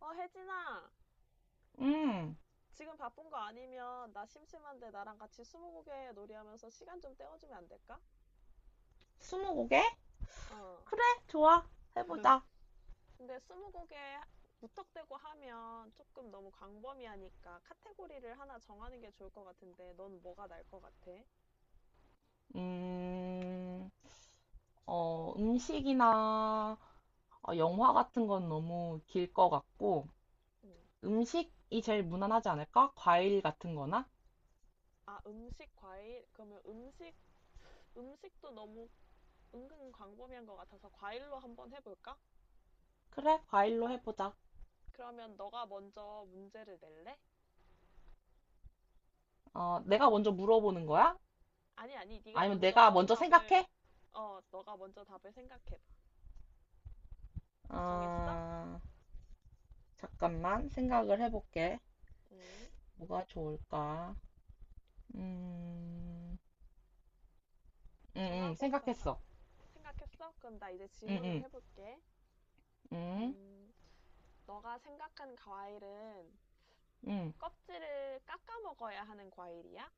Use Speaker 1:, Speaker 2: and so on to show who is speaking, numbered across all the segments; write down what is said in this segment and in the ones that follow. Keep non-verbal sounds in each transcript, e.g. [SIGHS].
Speaker 1: 혜진아,
Speaker 2: 음,
Speaker 1: 지금 바쁜 거 아니면 나 심심한데 나랑 같이 스무고개 놀이하면서 시간 좀 때워주면 안 될까?
Speaker 2: 스무고개?
Speaker 1: 어.
Speaker 2: 그래, 좋아. 해보자.
Speaker 1: 근데 스무고개 무턱대고 하면 조금 너무 광범위하니까 카테고리를 하나 정하는 게 좋을 것 같은데 넌 뭐가 날 것 같아?
Speaker 2: 음, 음식이나 영화 같은 건 너무 길 것 같고,
Speaker 1: 음.
Speaker 2: 음식이 제일 무난하지 않을까? 과일 같은 거나?
Speaker 1: 아, 음식, 과일? 그러면 음식도 너무 은근 광범위한 것 같아서 과일로 한번 해볼까?
Speaker 2: 그래, 과일로 해보자.
Speaker 1: 그러면 너가 먼저 문제를 낼래?
Speaker 2: 어, 내가 먼저 물어보는 거야?
Speaker 1: 아니, 아니, 네가
Speaker 2: 아니면 내가
Speaker 1: 먼저
Speaker 2: 먼저
Speaker 1: 답을,
Speaker 2: 생각해?
Speaker 1: 어, 너가 먼저 답을 생각해봐. 정했어?
Speaker 2: 어, 잠깐만, 생각을 해볼게.
Speaker 1: 음,
Speaker 2: 뭐가 좋을까? 음, 응응
Speaker 1: 정하고 나서 알
Speaker 2: 생각했어.
Speaker 1: 생각했어? 그럼 나 이제 질문을
Speaker 2: 응응
Speaker 1: 해볼게.
Speaker 2: 음,
Speaker 1: 음, 너가 생각한 과일은
Speaker 2: 응 응.
Speaker 1: 껍질을 깎아 먹어야 하는 과일이야?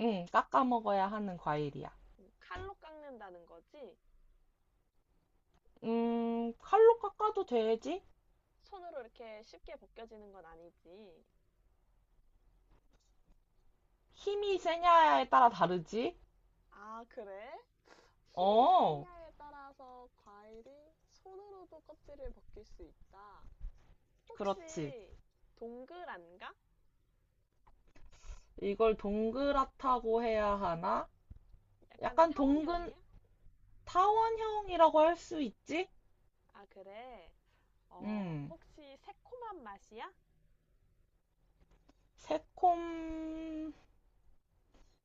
Speaker 2: 응, 깎아 먹어야 하는 과일이야.
Speaker 1: 칼로 깎는다는 거지?
Speaker 2: 칼로 깎아도 되지?
Speaker 1: 손으로 이렇게 쉽게 벗겨지는 건 아니지?
Speaker 2: 힘이 세냐에 따라 다르지?
Speaker 1: 아, 그래? 힘이
Speaker 2: 어,
Speaker 1: 세냐에 따라서 과일이 손으로도 껍질을 벗길 수 있다. 혹시
Speaker 2: 그렇지.
Speaker 1: 동그란가?
Speaker 2: 이걸 동그랗다고 해야 하나?
Speaker 1: 약간
Speaker 2: 약간
Speaker 1: 타원형이야?
Speaker 2: 타원형이라고 할 수 있지?
Speaker 1: 아, 그래. 어,
Speaker 2: 음,
Speaker 1: 혹시 새콤한 맛이야?
Speaker 2: 새콤,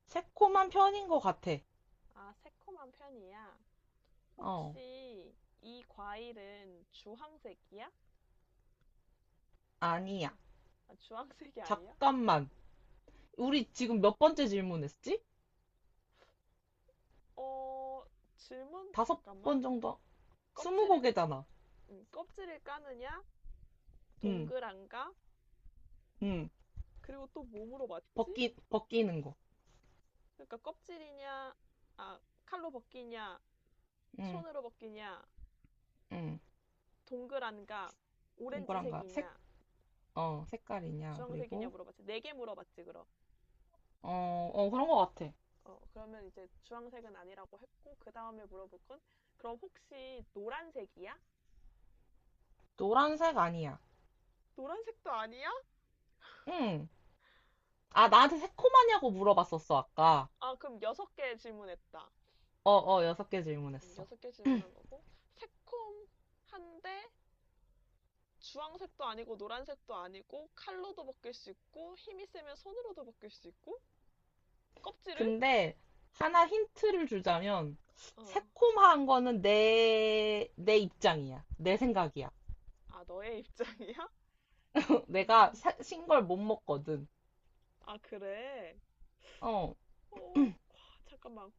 Speaker 2: 새콤한 편인 것 같아.
Speaker 1: 아, 새콤한 편이야.
Speaker 2: 어,
Speaker 1: 혹시 이 과일은 주황색이야?
Speaker 2: 아니야.
Speaker 1: 아, 주황색이 아니야?
Speaker 2: 잠깐만. 우리
Speaker 1: 어,
Speaker 2: 지금 몇 번째 질문했지?
Speaker 1: 어, 질문
Speaker 2: 다섯
Speaker 1: 잠깐만.
Speaker 2: 번 정도? 스무
Speaker 1: 껍질을
Speaker 2: 곡이잖아.
Speaker 1: 껍질을 까느냐?
Speaker 2: 음,
Speaker 1: 동그란가?
Speaker 2: 음.
Speaker 1: 그리고 또 몸으로 맞지?
Speaker 2: 벗기는 거.
Speaker 1: 그러니까 껍질이냐? 아, 칼로 벗기냐?
Speaker 2: 음.
Speaker 1: 손으로 벗기냐?
Speaker 2: 응,
Speaker 1: 동그란가?
Speaker 2: 동그란가?
Speaker 1: 오렌지색이냐?
Speaker 2: 색깔이냐?
Speaker 1: 주황색이냐
Speaker 2: 그리고,
Speaker 1: 물어봤지. 네 개 물어봤지, 그럼.
Speaker 2: 어, 어, 그런 것 같아.
Speaker 1: 어, 그러면 이제 주황색은 아니라고 했고, 그 다음에 물어볼 건, 그럼 혹시 노란색이야?
Speaker 2: 노란색 아니야.
Speaker 1: 노란색도 아니야?
Speaker 2: 응. 아, 나한테 새콤하냐고 물어봤었어, 아까.
Speaker 1: 아, 그럼 여섯 개 질문했다.
Speaker 2: 어, 어, 여섯 개 질문했어.
Speaker 1: 여섯 개 질문한 거고, 새콤한데, 주황색도 아니고, 노란색도 아니고, 칼로도 벗길 수 있고, 힘이 세면 손으로도 벗길 수 있고, 껍질을?
Speaker 2: 근데, 하나 힌트를 주자면,
Speaker 1: 어,
Speaker 2: 새콤한 거는 내 입장이야. 내 생각이야.
Speaker 1: 아, 너의 [LAUGHS] 입장이야?
Speaker 2: [LAUGHS] 내가
Speaker 1: 음,
Speaker 2: 신걸 못 먹거든.
Speaker 1: 아, 그래?
Speaker 2: 어,
Speaker 1: 어, 와, 잠깐만.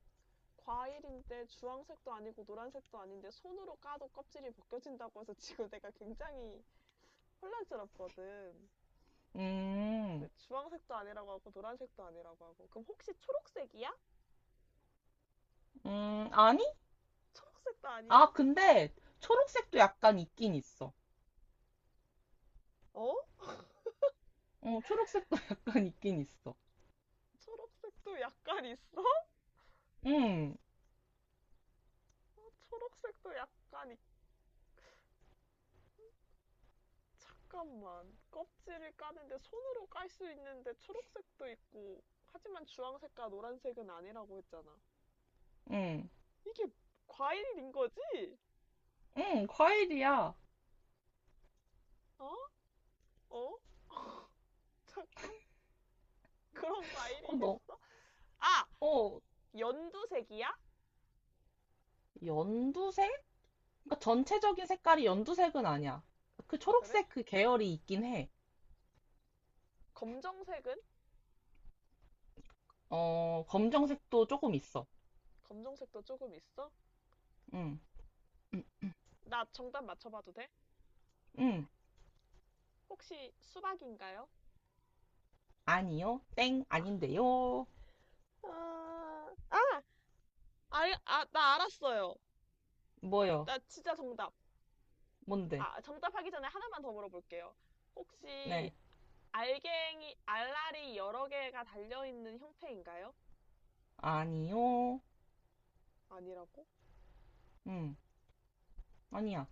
Speaker 1: 과일인데 주황색도 아니고 노란색도 아닌데 손으로 까도 껍질이 벗겨진다고 해서 지금 [LAUGHS] 내가 굉장히 혼란스럽거든.
Speaker 2: 음,
Speaker 1: 근데 주황색도 아니라고 하고 노란색도 아니라고 하고. 그럼 혹시 초록색이야?
Speaker 2: 아니?
Speaker 1: 초록색도 아니야?
Speaker 2: 아, 근데, 초록색도 약간 있긴 있어.
Speaker 1: 어?
Speaker 2: 어, 초록색도 [LAUGHS] 약간 있긴 있어.
Speaker 1: 초록색도 약간 있어?
Speaker 2: 음.
Speaker 1: 어, 초록색도 약간 있... 잠깐만. 껍질을 까는데 손으로 깔 수 있는데 초록색도 있고. 하지만 주황색과 노란색은 아니라고 했잖아.
Speaker 2: 응,
Speaker 1: 이게 과일인 거지?
Speaker 2: 응, 과일이야.
Speaker 1: 어? 어? [LAUGHS] 잠깐만. [LAUGHS] 그런
Speaker 2: 어,
Speaker 1: 과일이
Speaker 2: 너,
Speaker 1: 있어? 아!
Speaker 2: 어,
Speaker 1: 연두색이야?
Speaker 2: 연두색? 그러니까 전체적인 색깔이 연두색은 아니야. 그
Speaker 1: 아, 그래?
Speaker 2: 초록색 그 계열이 있긴 해.
Speaker 1: 검정색은?
Speaker 2: 어, 검정색도 조금 있어.
Speaker 1: 검정색도 조금 있어?
Speaker 2: 응, 응,
Speaker 1: 나 정답 맞춰봐도 돼?
Speaker 2: 응.
Speaker 1: 혹시 수박인가요?
Speaker 2: 아니요. 땡,
Speaker 1: 아,
Speaker 2: 아닌데요.
Speaker 1: 아, 아, 아, 나 알았어요.
Speaker 2: 뭐요?
Speaker 1: 나 진짜 정답.
Speaker 2: 뭔데?
Speaker 1: 아, 정답하기 전에 하나만 더 물어볼게요. 혹시
Speaker 2: 네.
Speaker 1: 알갱이, 알알이 여러 개가 달려있는 형태인가요?
Speaker 2: 아니요.
Speaker 1: 아니라고?
Speaker 2: 응, 아니야.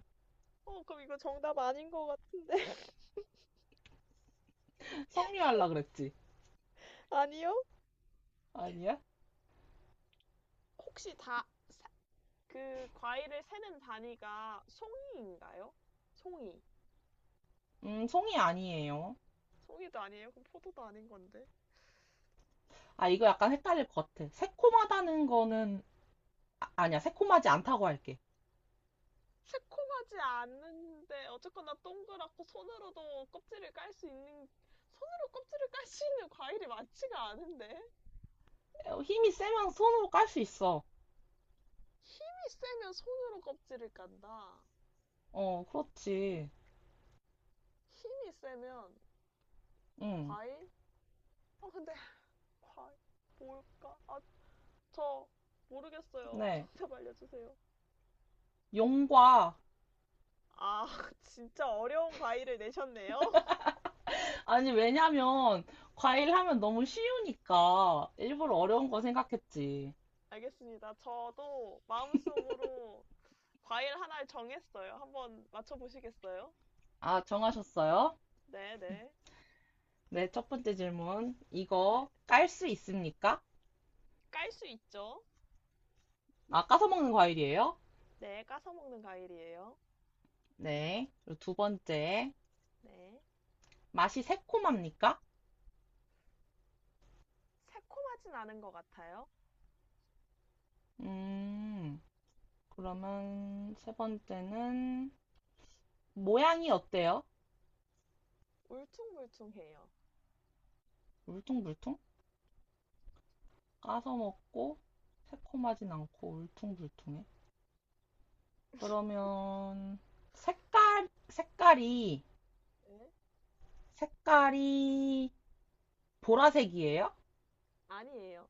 Speaker 1: 어, 그럼 이거 정답 아닌 것 같은데. [LAUGHS]
Speaker 2: 성류할라 그랬지.
Speaker 1: 아니요?
Speaker 2: 아니야?
Speaker 1: 혹시 다 그 과일을 세는 단위가 송이인가요? 송이.
Speaker 2: 송이 아니에요.
Speaker 1: 송이도 아니에요. 그럼 포도도 아닌 건데.
Speaker 2: 아, 이거 약간 헷갈릴 것 같아. 새콤하다는 거는, 아, 아니야. 새콤하지 않다고 할게.
Speaker 1: 새콤하지 않은데 어쨌거나 동그랗고 손으로도 껍질을 깔 수 있는 과일이 많지가 않은데
Speaker 2: 어, 힘이 세면 손으로 깔 수 있어.
Speaker 1: 힘이 세면 손으로 껍질을 깐다.
Speaker 2: 어, 그렇지.
Speaker 1: 힘이 세면
Speaker 2: 응,
Speaker 1: 과일? 아 근데 [LAUGHS] 과일 뭘까? 아 저 모르겠어요.
Speaker 2: 네.
Speaker 1: 정답 알려주세요.
Speaker 2: 용과.
Speaker 1: 아 [LAUGHS] 진짜 어려운 과일을 내셨네요.
Speaker 2: 아니, 왜냐면, 과일 하면 너무 쉬우니까, 일부러 어려운 거 생각했지.
Speaker 1: 알겠습니다. 저도 마음속으로 과일 하나를 정했어요. 한번 맞춰보시겠어요?
Speaker 2: 아, 정하셨어요?
Speaker 1: 네, 네,
Speaker 2: 네, 첫 번째 질문.
Speaker 1: 네.
Speaker 2: 이거 깔 수 있습니까?
Speaker 1: 깔 수 있죠?
Speaker 2: 아, 까서 먹는 과일이에요?
Speaker 1: 네, 까서 먹는 과일이에요.
Speaker 2: 네. 그리고 두 번째.
Speaker 1: 네.
Speaker 2: 맛이 새콤합니까?
Speaker 1: 새콤하진 않은 것 같아요.
Speaker 2: 음, 그러면 세 번째는, 모양이 어때요?
Speaker 1: 울퉁불퉁해요.
Speaker 2: 물퉁물퉁? 까서 먹고 새콤하진 않고 울퉁불퉁해. 그러면 색깔 색깔이
Speaker 1: 네?
Speaker 2: 색깔이 보라색이에요?
Speaker 1: 아니에요.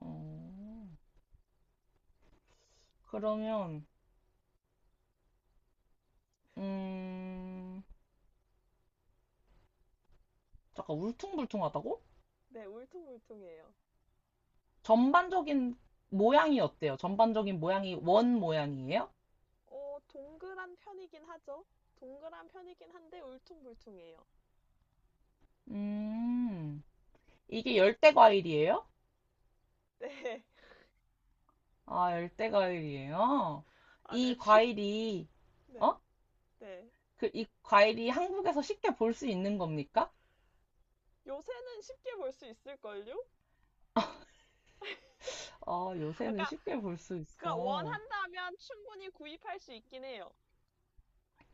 Speaker 2: 어, 그러면 음 잠깐 울퉁불퉁하다고?
Speaker 1: 네, 울퉁불퉁해요.
Speaker 2: 전반적인 모양이 어때요? 전반적인 모양이 원 모양이에요?
Speaker 1: 어, 동그란 편이긴 하죠? 동그란 편이긴 한데 울퉁불퉁해요.
Speaker 2: 음 이게 열대 과일이에요?
Speaker 1: 네. [LAUGHS]
Speaker 2: 아 열대 과일이에요?
Speaker 1: 아, 네,
Speaker 2: 이
Speaker 1: 지금,
Speaker 2: 과일이 어?
Speaker 1: 네, 네.
Speaker 2: 그, 이 과일이 한국에서 쉽게 볼 수 있는 겁니까?
Speaker 1: 요새는 쉽게 볼 수 있을걸요?
Speaker 2: 아, 요새는
Speaker 1: 아까
Speaker 2: 쉽게 볼 수
Speaker 1: 그러니까
Speaker 2: 있어.
Speaker 1: 원한다면 충분히 구입할 수 있긴 해요.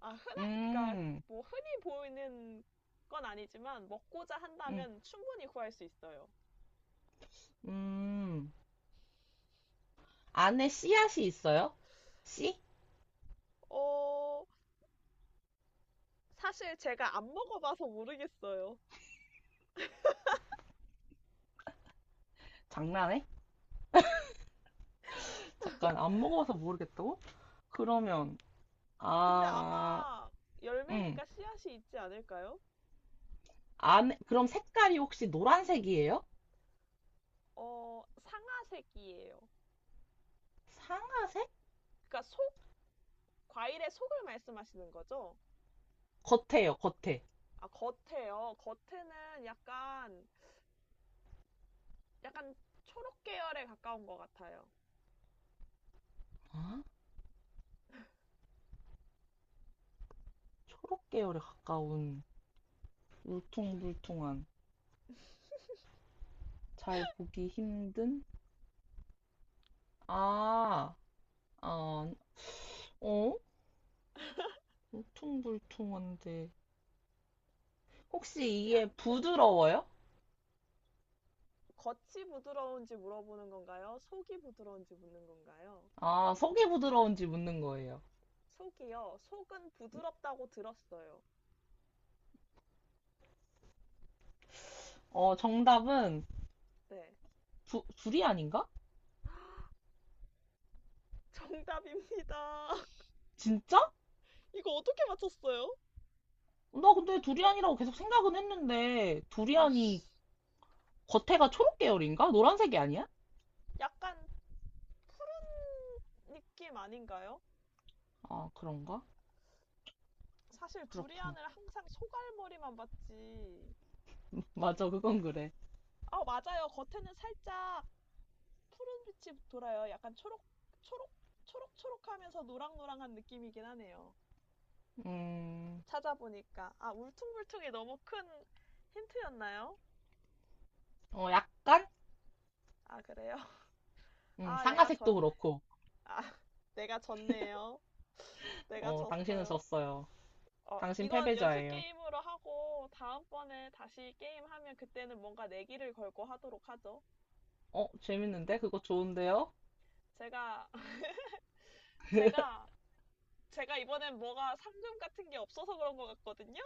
Speaker 1: 아, 흔한, 그러니까
Speaker 2: 음,
Speaker 1: 뭐 흔히 보이는 건 아니지만 먹고자
Speaker 2: 음,
Speaker 1: 한다면 충분히 구할 수 있어요.
Speaker 2: 음. 안에 씨앗이 있어요? 씨?
Speaker 1: 어, 사실 제가 안 먹어봐서 모르겠어요.
Speaker 2: 장난해? 잠깐, 안 먹어봐서 모르겠다고? 그러면,
Speaker 1: 근데
Speaker 2: 아,
Speaker 1: 아마
Speaker 2: 음.
Speaker 1: 열매니까 씨앗이 있지 않을까요?
Speaker 2: 그럼 색깔이 혹시 노란색이에요?
Speaker 1: 어, 상아색이에요.
Speaker 2: 상아색?
Speaker 1: 그러니까 속, 과일의 속을 말씀하시는 거죠?
Speaker 2: 겉에요, 겉에.
Speaker 1: 아, 겉에요. 약간 초록 계열에 가까운 것 같아요.
Speaker 2: 아, 초록 계열에 가까운, 울퉁불퉁한, 잘 보기 힘든? 아, 어, 어? 울퉁불퉁한데 혹시
Speaker 1: 쉽지
Speaker 2: 이게
Speaker 1: 않죠?
Speaker 2: 부드러워요?
Speaker 1: 겉이 부드러운지 물어보는 건가요? 속이 부드러운지 묻는 건가요?
Speaker 2: 아, 속이 부드러운지 묻는 거예요.
Speaker 1: 속이요. 속은 부드럽다고 들었어요.
Speaker 2: 어, 정답은
Speaker 1: 네.
Speaker 2: 두리안인가?
Speaker 1: 정답입니다. [LAUGHS]
Speaker 2: 진짜?
Speaker 1: 이거 어떻게 맞췄어요?
Speaker 2: 나 근데 두리안이라고 계속 생각은 했는데
Speaker 1: 아이씨.
Speaker 2: 두리안이 겉에가 초록 계열인가? 노란색이 아니야?
Speaker 1: 약간 푸른 느낌 아닌가요?
Speaker 2: 아, 그런가?
Speaker 1: 사실
Speaker 2: 그렇구나.
Speaker 1: 두리안을 항상 소갈머리만 봤지.
Speaker 2: [LAUGHS] 맞아, 그건 그래.
Speaker 1: 아, 맞아요. 겉에는 살짝 푸른 빛이 돌아요. 초록, 초록초록하면서 노랑노랑한 느낌이긴 하네요.
Speaker 2: 음,
Speaker 1: 찾아보니까 아 울퉁불퉁이 너무 큰 힌트였나요?
Speaker 2: 어, 약간?
Speaker 1: 아 그래요? [LAUGHS] 아 내가
Speaker 2: 상아색도
Speaker 1: 전
Speaker 2: 그렇고.
Speaker 1: 아 [LAUGHS] 내가 졌네요. [SIGHS] [LAUGHS] 내가
Speaker 2: 어, 당신은
Speaker 1: 졌어요.
Speaker 2: 졌어요.
Speaker 1: 어
Speaker 2: 당신
Speaker 1: 이건 연습
Speaker 2: 패배자예요.
Speaker 1: 게임으로 하고 다음번에 다시 게임하면 그때는 뭔가 내기를 걸고 하도록 하죠.
Speaker 2: 어, 재밌는데? 그거 좋은데요?
Speaker 1: 제가 [LAUGHS] 제가 제가 이번엔 뭐가 상금 같은 게 없어서 그런 것 같거든요?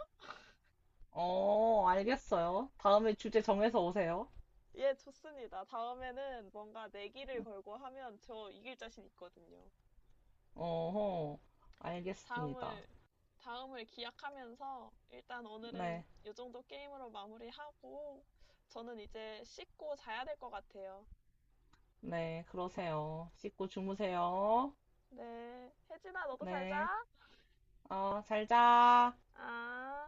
Speaker 2: 어, 알겠어요. 다음에 주제 정해서 오세요.
Speaker 1: 예, 좋습니다. 다음에는 뭔가 내기를 걸고 하면 저 이길 자신 있거든요.
Speaker 2: 어허, 알겠습니다.
Speaker 1: 다음을, 다음을 기약하면서 일단 오늘은
Speaker 2: 네,
Speaker 1: 이 정도 게임으로 마무리하고 저는 이제 씻고 자야 될 것 같아요.
Speaker 2: 네, 그러세요. 씻고 주무세요.
Speaker 1: 네. 혜진아, 너도 잘 자.
Speaker 2: 네, 어, 잘 자.
Speaker 1: 아.